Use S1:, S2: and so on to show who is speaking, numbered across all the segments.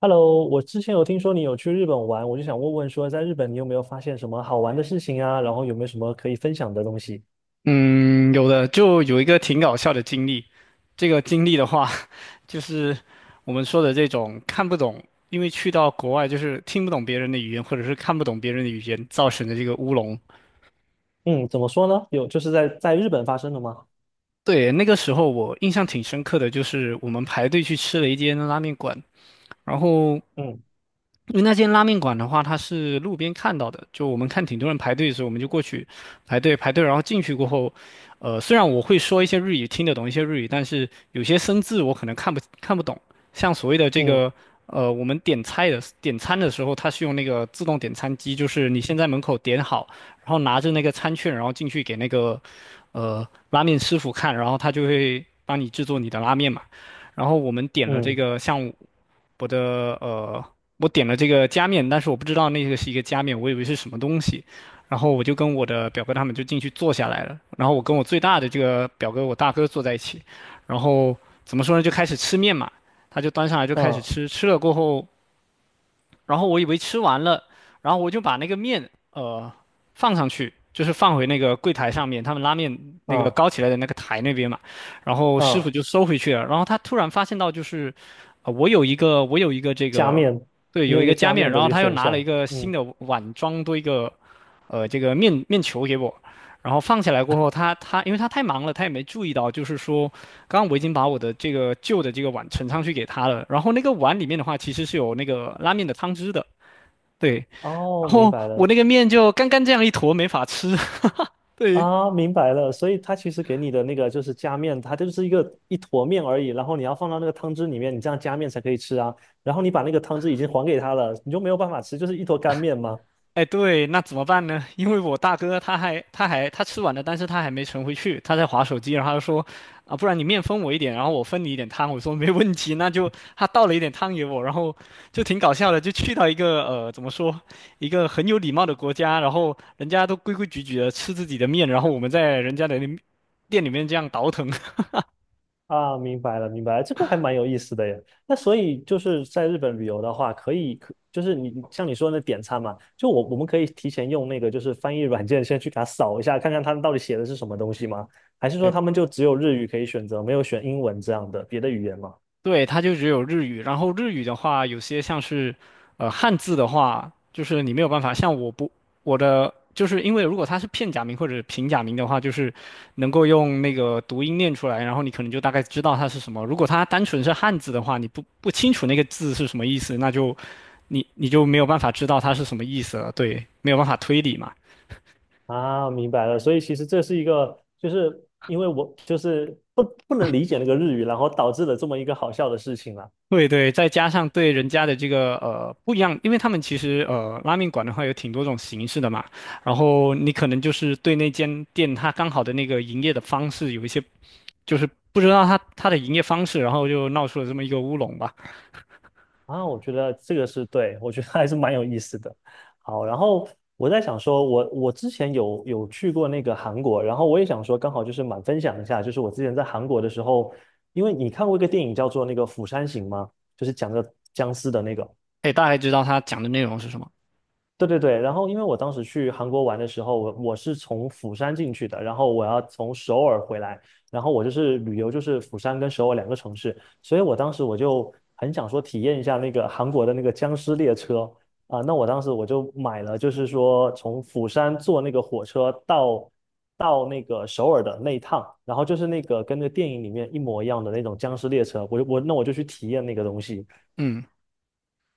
S1: Hello，我之前有听说你有去日本玩，我就想问问说，在日本你有没有发现什么好玩的事情啊？然后有没有什么可以分享的东西？
S2: 嗯，有的，就有一个挺搞笑的经历。这个经历的话，就是我们说的这种看不懂，因为去到国外就是听不懂别人的语言，或者是看不懂别人的语言造成的这个乌龙。
S1: 嗯，怎么说呢？有，就是在日本发生的吗？
S2: 对，那个时候我印象挺深刻的，就是我们排队去吃了一间拉面馆，然后
S1: 嗯
S2: 因为那间拉面馆的话，它是路边看到的，就我们看挺多人排队的时候，我们就过去排队，然后进去过后，虽然我会说一些日语，听得懂一些日语，但是有些生字我可能看不懂。像所谓的这
S1: 嗯
S2: 个，我们点餐的时候，它是用那个自动点餐机，就是你先在门口点好，然后拿着那个餐券，然后进去给那个拉面师傅看，然后他就会帮你制作你的拉面嘛。然后我们点了这
S1: 嗯
S2: 个像我的呃，我点了这个加面，但是我不知道那个是一个加面，我以为是什么东西。然后我就跟我的表哥他们就进去坐下来了。然后我跟我最大的这个表哥，我大哥坐在一起。然后怎么说呢，就开始吃面嘛。他就端上来就开始
S1: 嗯
S2: 吃，吃了过后，然后我以为吃完了，然后我就把那个面放上去，就是放回那个柜台上面，他们拉面那个
S1: 嗯
S2: 高起来的那个台那边嘛。然后师傅
S1: 嗯，
S2: 就收回去了，然后他突然发现到就是，我有一个这
S1: 加
S2: 个，
S1: 面，
S2: 对，
S1: 你
S2: 有
S1: 有
S2: 一
S1: 一
S2: 个
S1: 个
S2: 加
S1: 加
S2: 面，
S1: 面
S2: 然
S1: 的
S2: 后
S1: 这个
S2: 他又
S1: 选
S2: 拿了
S1: 项。
S2: 一个新
S1: 嗯，
S2: 的碗装多一个，这个面球给我，然后放下来过后，他因为他太忙了，他也没注意到，就是说。刚刚我已经把我的这个旧的这个碗盛上去给他了，然后那个碗里面的话其实是有那个拉面的汤汁的，对，
S1: 哦，
S2: 然
S1: 明
S2: 后
S1: 白
S2: 我
S1: 了
S2: 那个面就干干这样一坨没法吃，对，
S1: 啊，明白了。所以它其实给你的那个就是加面，它就是一个一坨面而已，然后你要放到那个汤汁里面，你这样加面才可以吃啊。然后你把那个汤汁已经还给他了，你就没有办法吃，就是一坨干面吗？
S2: 哎，对，那怎么办呢？因为我大哥他还他吃完了，但是他还没盛回去，他在划手机，然后他说，啊，不然你面分我一点，然后我分你一点汤。我说没问题，那就他倒了一点汤给我，然后就挺搞笑的，就去到一个怎么说，一个很有礼貌的国家，然后人家都规规矩矩的吃自己的面，然后我们在人家的那店里面这样倒腾。
S1: 啊，明白了，明白了，这个还蛮有意思的耶。那所以就是在日本旅游的话，可以，可就是你像你说的那点餐嘛，就我们可以提前用那个就是翻译软件先去给他扫一下，看看他们到底写的是什么东西吗？还是说他 们就只有日语可以选择，没有选英文这样的别的语言吗？
S2: 对，它就只有日语。然后日语的话，有些像是，汉字的话，就是你没有办法。像我不，我的就是因为如果它是片假名或者平假名的话，就是能够用那个读音念出来，然后你可能就大概知道它是什么。如果它单纯是汉字的话，你不清楚那个字是什么意思，那就你就没有办法知道它是什么意思了。对，没有办法推理嘛。
S1: 啊，明白了。所以其实这是一个，就是因为我就是不能理解那个日语，然后导致了这么一个好笑的事情啦。
S2: 对对，再加上对人家的这个不一样，因为他们其实拉面馆的话有挺多种形式的嘛，然后你可能就是对那间店它刚好的那个营业的方式有一些就是不知道它的营业方式，然后就闹出了这么一个乌龙吧。
S1: 啊，我觉得这个是对，我觉得还是蛮有意思的。好，然后我在想说，我之前有去过那个韩国，然后我也想说，刚好就是蛮分享一下，就是我之前在韩国的时候，因为你看过一个电影叫做那个《釜山行》吗？就是讲的僵尸的那个。
S2: 可以大概知道他讲的内容是什么。
S1: 对对对，然后因为我当时去韩国玩的时候，我是从釜山进去的，然后我要从首尔回来，然后我就是旅游，就是釜山跟首尔两个城市，所以我当时我就很想说体验一下那个韩国的那个僵尸列车啊，那我当时我就买了，就是说从釜山坐那个火车到那个首尔的那一趟，然后就是那个跟那个电影里面一模一样的那种僵尸列车，我就去体验那个东西。
S2: 嗯，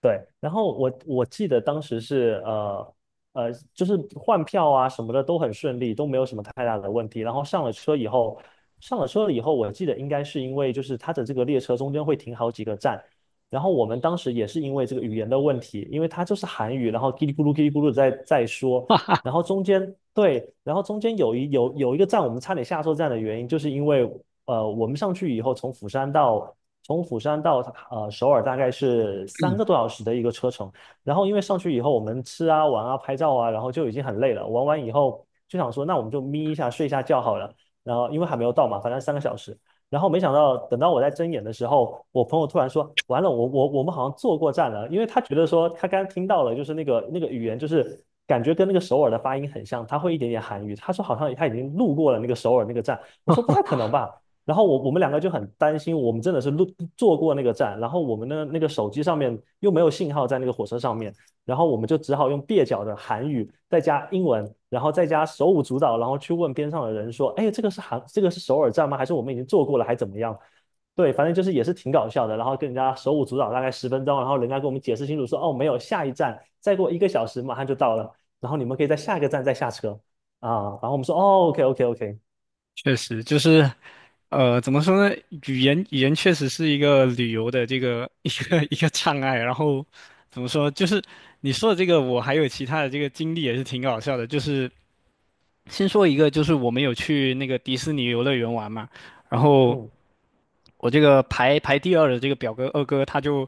S1: 对，然后我记得当时是就是换票啊什么的都很顺利，都没有什么太大的问题。然后上了车以后，上了车了以后，我记得应该是因为就是它的这个列车中间会停好几个站，然后我们当时也是因为这个语言的问题，因为它就是韩语，然后叽里咕噜叽里咕噜在说，然后中间对，然后中间有一个站，我们差点下错站的原因，就是因为我们上去以后，从釜山到首尔大概是三
S2: 嗯，
S1: 个多小时的一个车程，然后因为上去以后，我们吃啊、玩啊、拍照啊，然后就已经很累了，玩完以后就想说，那我们就眯一下、睡一下觉好了，然后因为还没有到嘛，反正3个小时，然后没想到，等到我在睁眼的时候，我朋友突然说：“完了，我们好像坐过站了。”因为他觉得说他刚刚听到了，就是那个语言，就是感觉跟那个首尔的发音很像，他会一点点韩语。他说好像他已经路过了那个首尔那个站。我说不太可能吧。然后我们两个就很担心，我们真的是坐过那个站，然后我们的那个手机上面又没有信号在那个火车上面。然后我们就只好用蹩脚的韩语，再加英文，然后再加手舞足蹈，然后去问边上的人说：“哎，这个是韩，这个是首尔站吗？还是我们已经做过了，还怎么样？”对，反正就是也是挺搞笑的。然后跟人家手舞足蹈大概10分钟，然后人家跟我们解释清楚说：“哦，没有，下一站再过1个小时马上就到了，然后你们可以在下一个站再下车啊。”然后我们说：“哦，OK，OK，OK，
S2: 确实就是怎么说呢，语言确实是一个旅游的这个 一个障碍，然后怎么说就是。你说的这个，我还有其他的这个经历也是挺搞笑的，就是先说一个，就是我们有去那个迪士尼游乐园玩嘛，然后
S1: 嗯
S2: 我这个排第二的这个表哥二哥，他就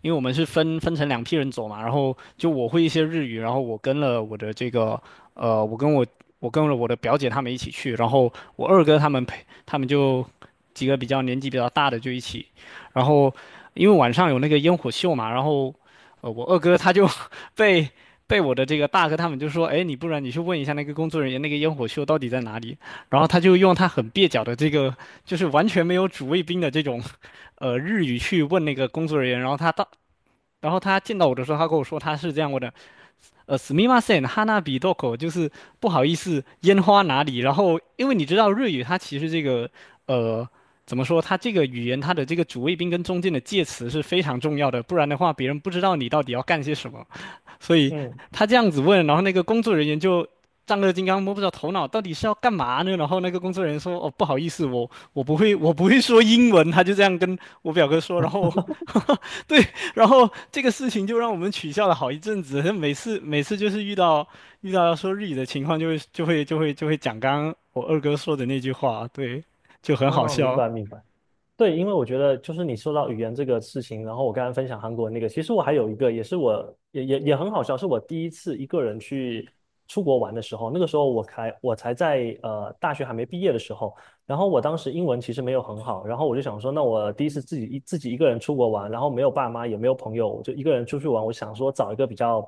S2: 因为我们是分成两批人走嘛，然后就我会一些日语，然后我跟了我的这个呃，我跟我我跟了我的表姐他们一起去，然后我二哥他们陪他们就几个比较年纪比较大的就一起，然后因为晚上有那个烟火秀嘛，然后我二哥他就 被。被我的这个大哥他们就说："哎，你不然你去问一下那个工作人员，那个烟火秀到底在哪里？"然后他就用他很蹩脚的这个就是完全没有主谓宾的这种日语去问那个工作人员，然后他到，然后他见到我的时候，他跟我说他是这样问的，すみません、花火どこ？就是不好意思，烟花哪里？然后因为你知道日语，它其实这个呃怎么说，它这个语言它的这个主谓宾跟中间的介词是非常重要的，不然的话别人不知道你到底要干些什么。所以
S1: 嗯，
S2: 他这样子问，然后那个工作人员就丈二金刚摸不着头脑，到底是要干嘛呢？然后那个工作人员说："哦，不好意思，我不会，我不会说英文。"他就这样跟我表哥说，然后 对，然后这个事情就让我们取笑了好一阵子。每次就是遇到要说日语的情况就，会就会就会就会讲刚刚我二哥说的那句话，对，就很好
S1: 哦，明
S2: 笑。
S1: 白明白。”对，因为我觉得就是你说到语言这个事情，然后我刚刚分享韩国那个，其实我还有一个也是我也很好笑，是我第一次一个人去出国玩的时候，那个时候我在大学还没毕业的时候，然后我当时英文其实没有很好，然后我就想说，那我第一次自己一个人出国玩，然后没有爸妈也没有朋友，我就一个人出去玩，我想说找一个比较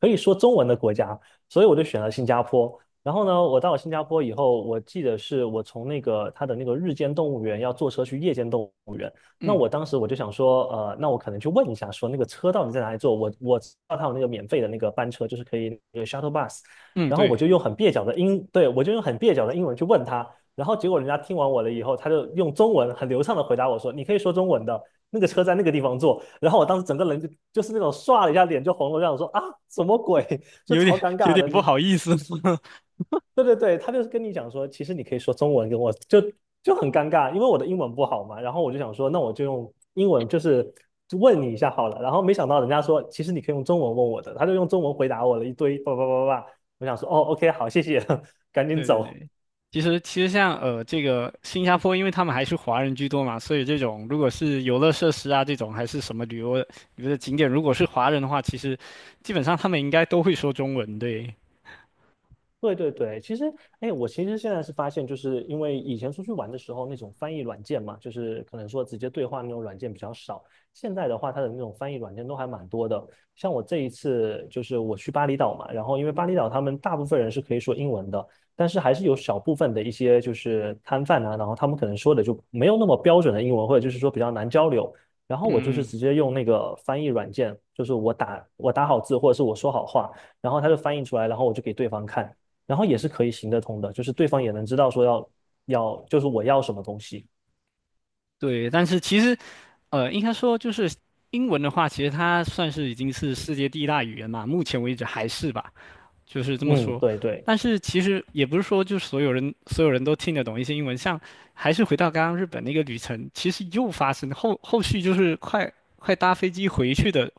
S1: 可以说中文的国家，所以我就选了新加坡。然后呢，我到了新加坡以后，我记得是我从那个他的那个日间动物园要坐车去夜间动物园。那
S2: 嗯
S1: 我当时我就想说，那我可能去问一下，说那个车到底在哪里坐？我知道他有那个免费的那个班车，就是可以那个 shuttle bus。
S2: 嗯，
S1: 然后我
S2: 对，
S1: 就用很蹩脚的英，对，我就用很蹩脚的英文去问他，然后结果人家听完我了以后，他就用中文很流畅的回答我说：“你可以说中文的，那个车在那个地方坐。”然后我当时整个人就就是那种唰了一下脸就红了，这样说啊，什么鬼？就
S2: 有
S1: 超
S2: 点
S1: 尴
S2: 有
S1: 尬
S2: 点
S1: 的。
S2: 不
S1: 你
S2: 好意思。
S1: 对对对，他就是跟你讲说，其实你可以说中文跟我，就就很尴尬，因为我的英文不好嘛。然后我就想说，那我就用英文就是问你一下好了。然后没想到人家说，其实你可以用中文问我的，他就用中文回答我了一堆叭叭叭叭叭。我想说，哦，OK，好，谢谢，赶紧
S2: 对对
S1: 走。
S2: 对，其实像这个新加坡，因为他们还是华人居多嘛，所以这种如果是游乐设施啊这种还是什么旅游的景点，如果是华人的话，其实基本上他们应该都会说中文，对，
S1: 对对对，其实，哎，我其实现在是发现，就是因为以前出去玩的时候，那种翻译软件嘛，就是可能说直接对话那种软件比较少。现在的话，它的那种翻译软件都还蛮多的。像我这一次就是我去巴厘岛嘛，然后因为巴厘岛他们大部分人是可以说英文的，但是还是有小部分的一些就是摊贩啊，然后他们可能说的就没有那么标准的英文，或者就是说比较难交流。然后我就是
S2: 嗯嗯，
S1: 直接用那个翻译软件，就是我打好字或者是我说好话，然后它就翻译出来，然后我就给对方看。然后也是可以行得通的，就是对方也能知道说要，就是我要什么东西。
S2: 对。但是其实应该说就是英文的话，其实它算是已经是世界第一大语言嘛，目前为止还是吧。就是这么
S1: 嗯，
S2: 说。
S1: 对对，
S2: 但是其实也不是说就所有人都听得懂一些英文，像还是回到刚刚日本那个旅程，其实又发生后续就是快搭飞机回去的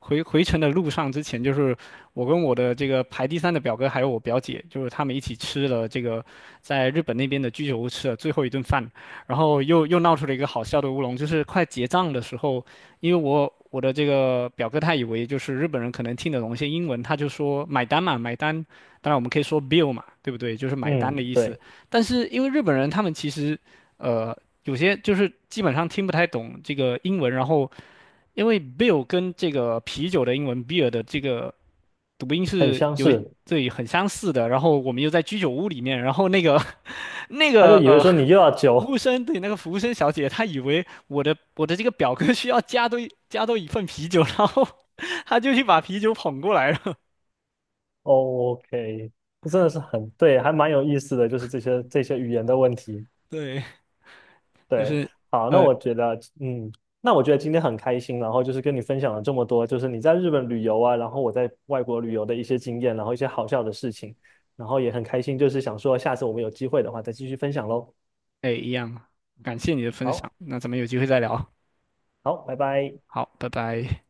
S2: 回程的路上之前，就是我跟我的这个排第三的表哥还有我表姐，就是他们一起吃了这个在日本那边的居酒屋吃了最后一顿饭，然后又闹出了一个好笑的乌龙，就是快结账的时候，因为我的这个表哥他以为就是日本人可能听得懂一些英文，他就说买单嘛，买单。当然我们可以说 bill 嘛，对不对？就是买单
S1: 嗯
S2: 的意思。
S1: 对，
S2: 但是因为日本人他们其实，呃，有些就是基本上听不太懂这个英文，然后因为 beer 跟这个啤酒的英文 beer 的这个读音
S1: 很
S2: 是
S1: 相
S2: 有
S1: 似。
S2: 对很相似的，然后我们又在居酒屋里面，然后那个 那
S1: 他就
S2: 个
S1: 以为说你又要
S2: 服
S1: 酒
S2: 务生对那个服务生小姐，她以为我的这个表哥需要加多一份啤酒，然后 她就去把啤酒捧过来了。
S1: 哦，OK，这真的是很对，还蛮有意思的，就是这些语言的问题。
S2: 对，就
S1: 对，
S2: 是
S1: 好，那
S2: 呃
S1: 我觉得，嗯，那我觉得今天很开心，然后就是跟你分享了这么多，就是你在日本旅游啊，然后我在外国旅游的一些经验，然后一些好笑的事情，然后也很开心，就是想说下次我们有机会的话再继续分享喽。
S2: 哎一样，感谢你的分享，
S1: 好，
S2: 那咱们有机会再聊，
S1: 好，拜拜。
S2: 好，拜拜。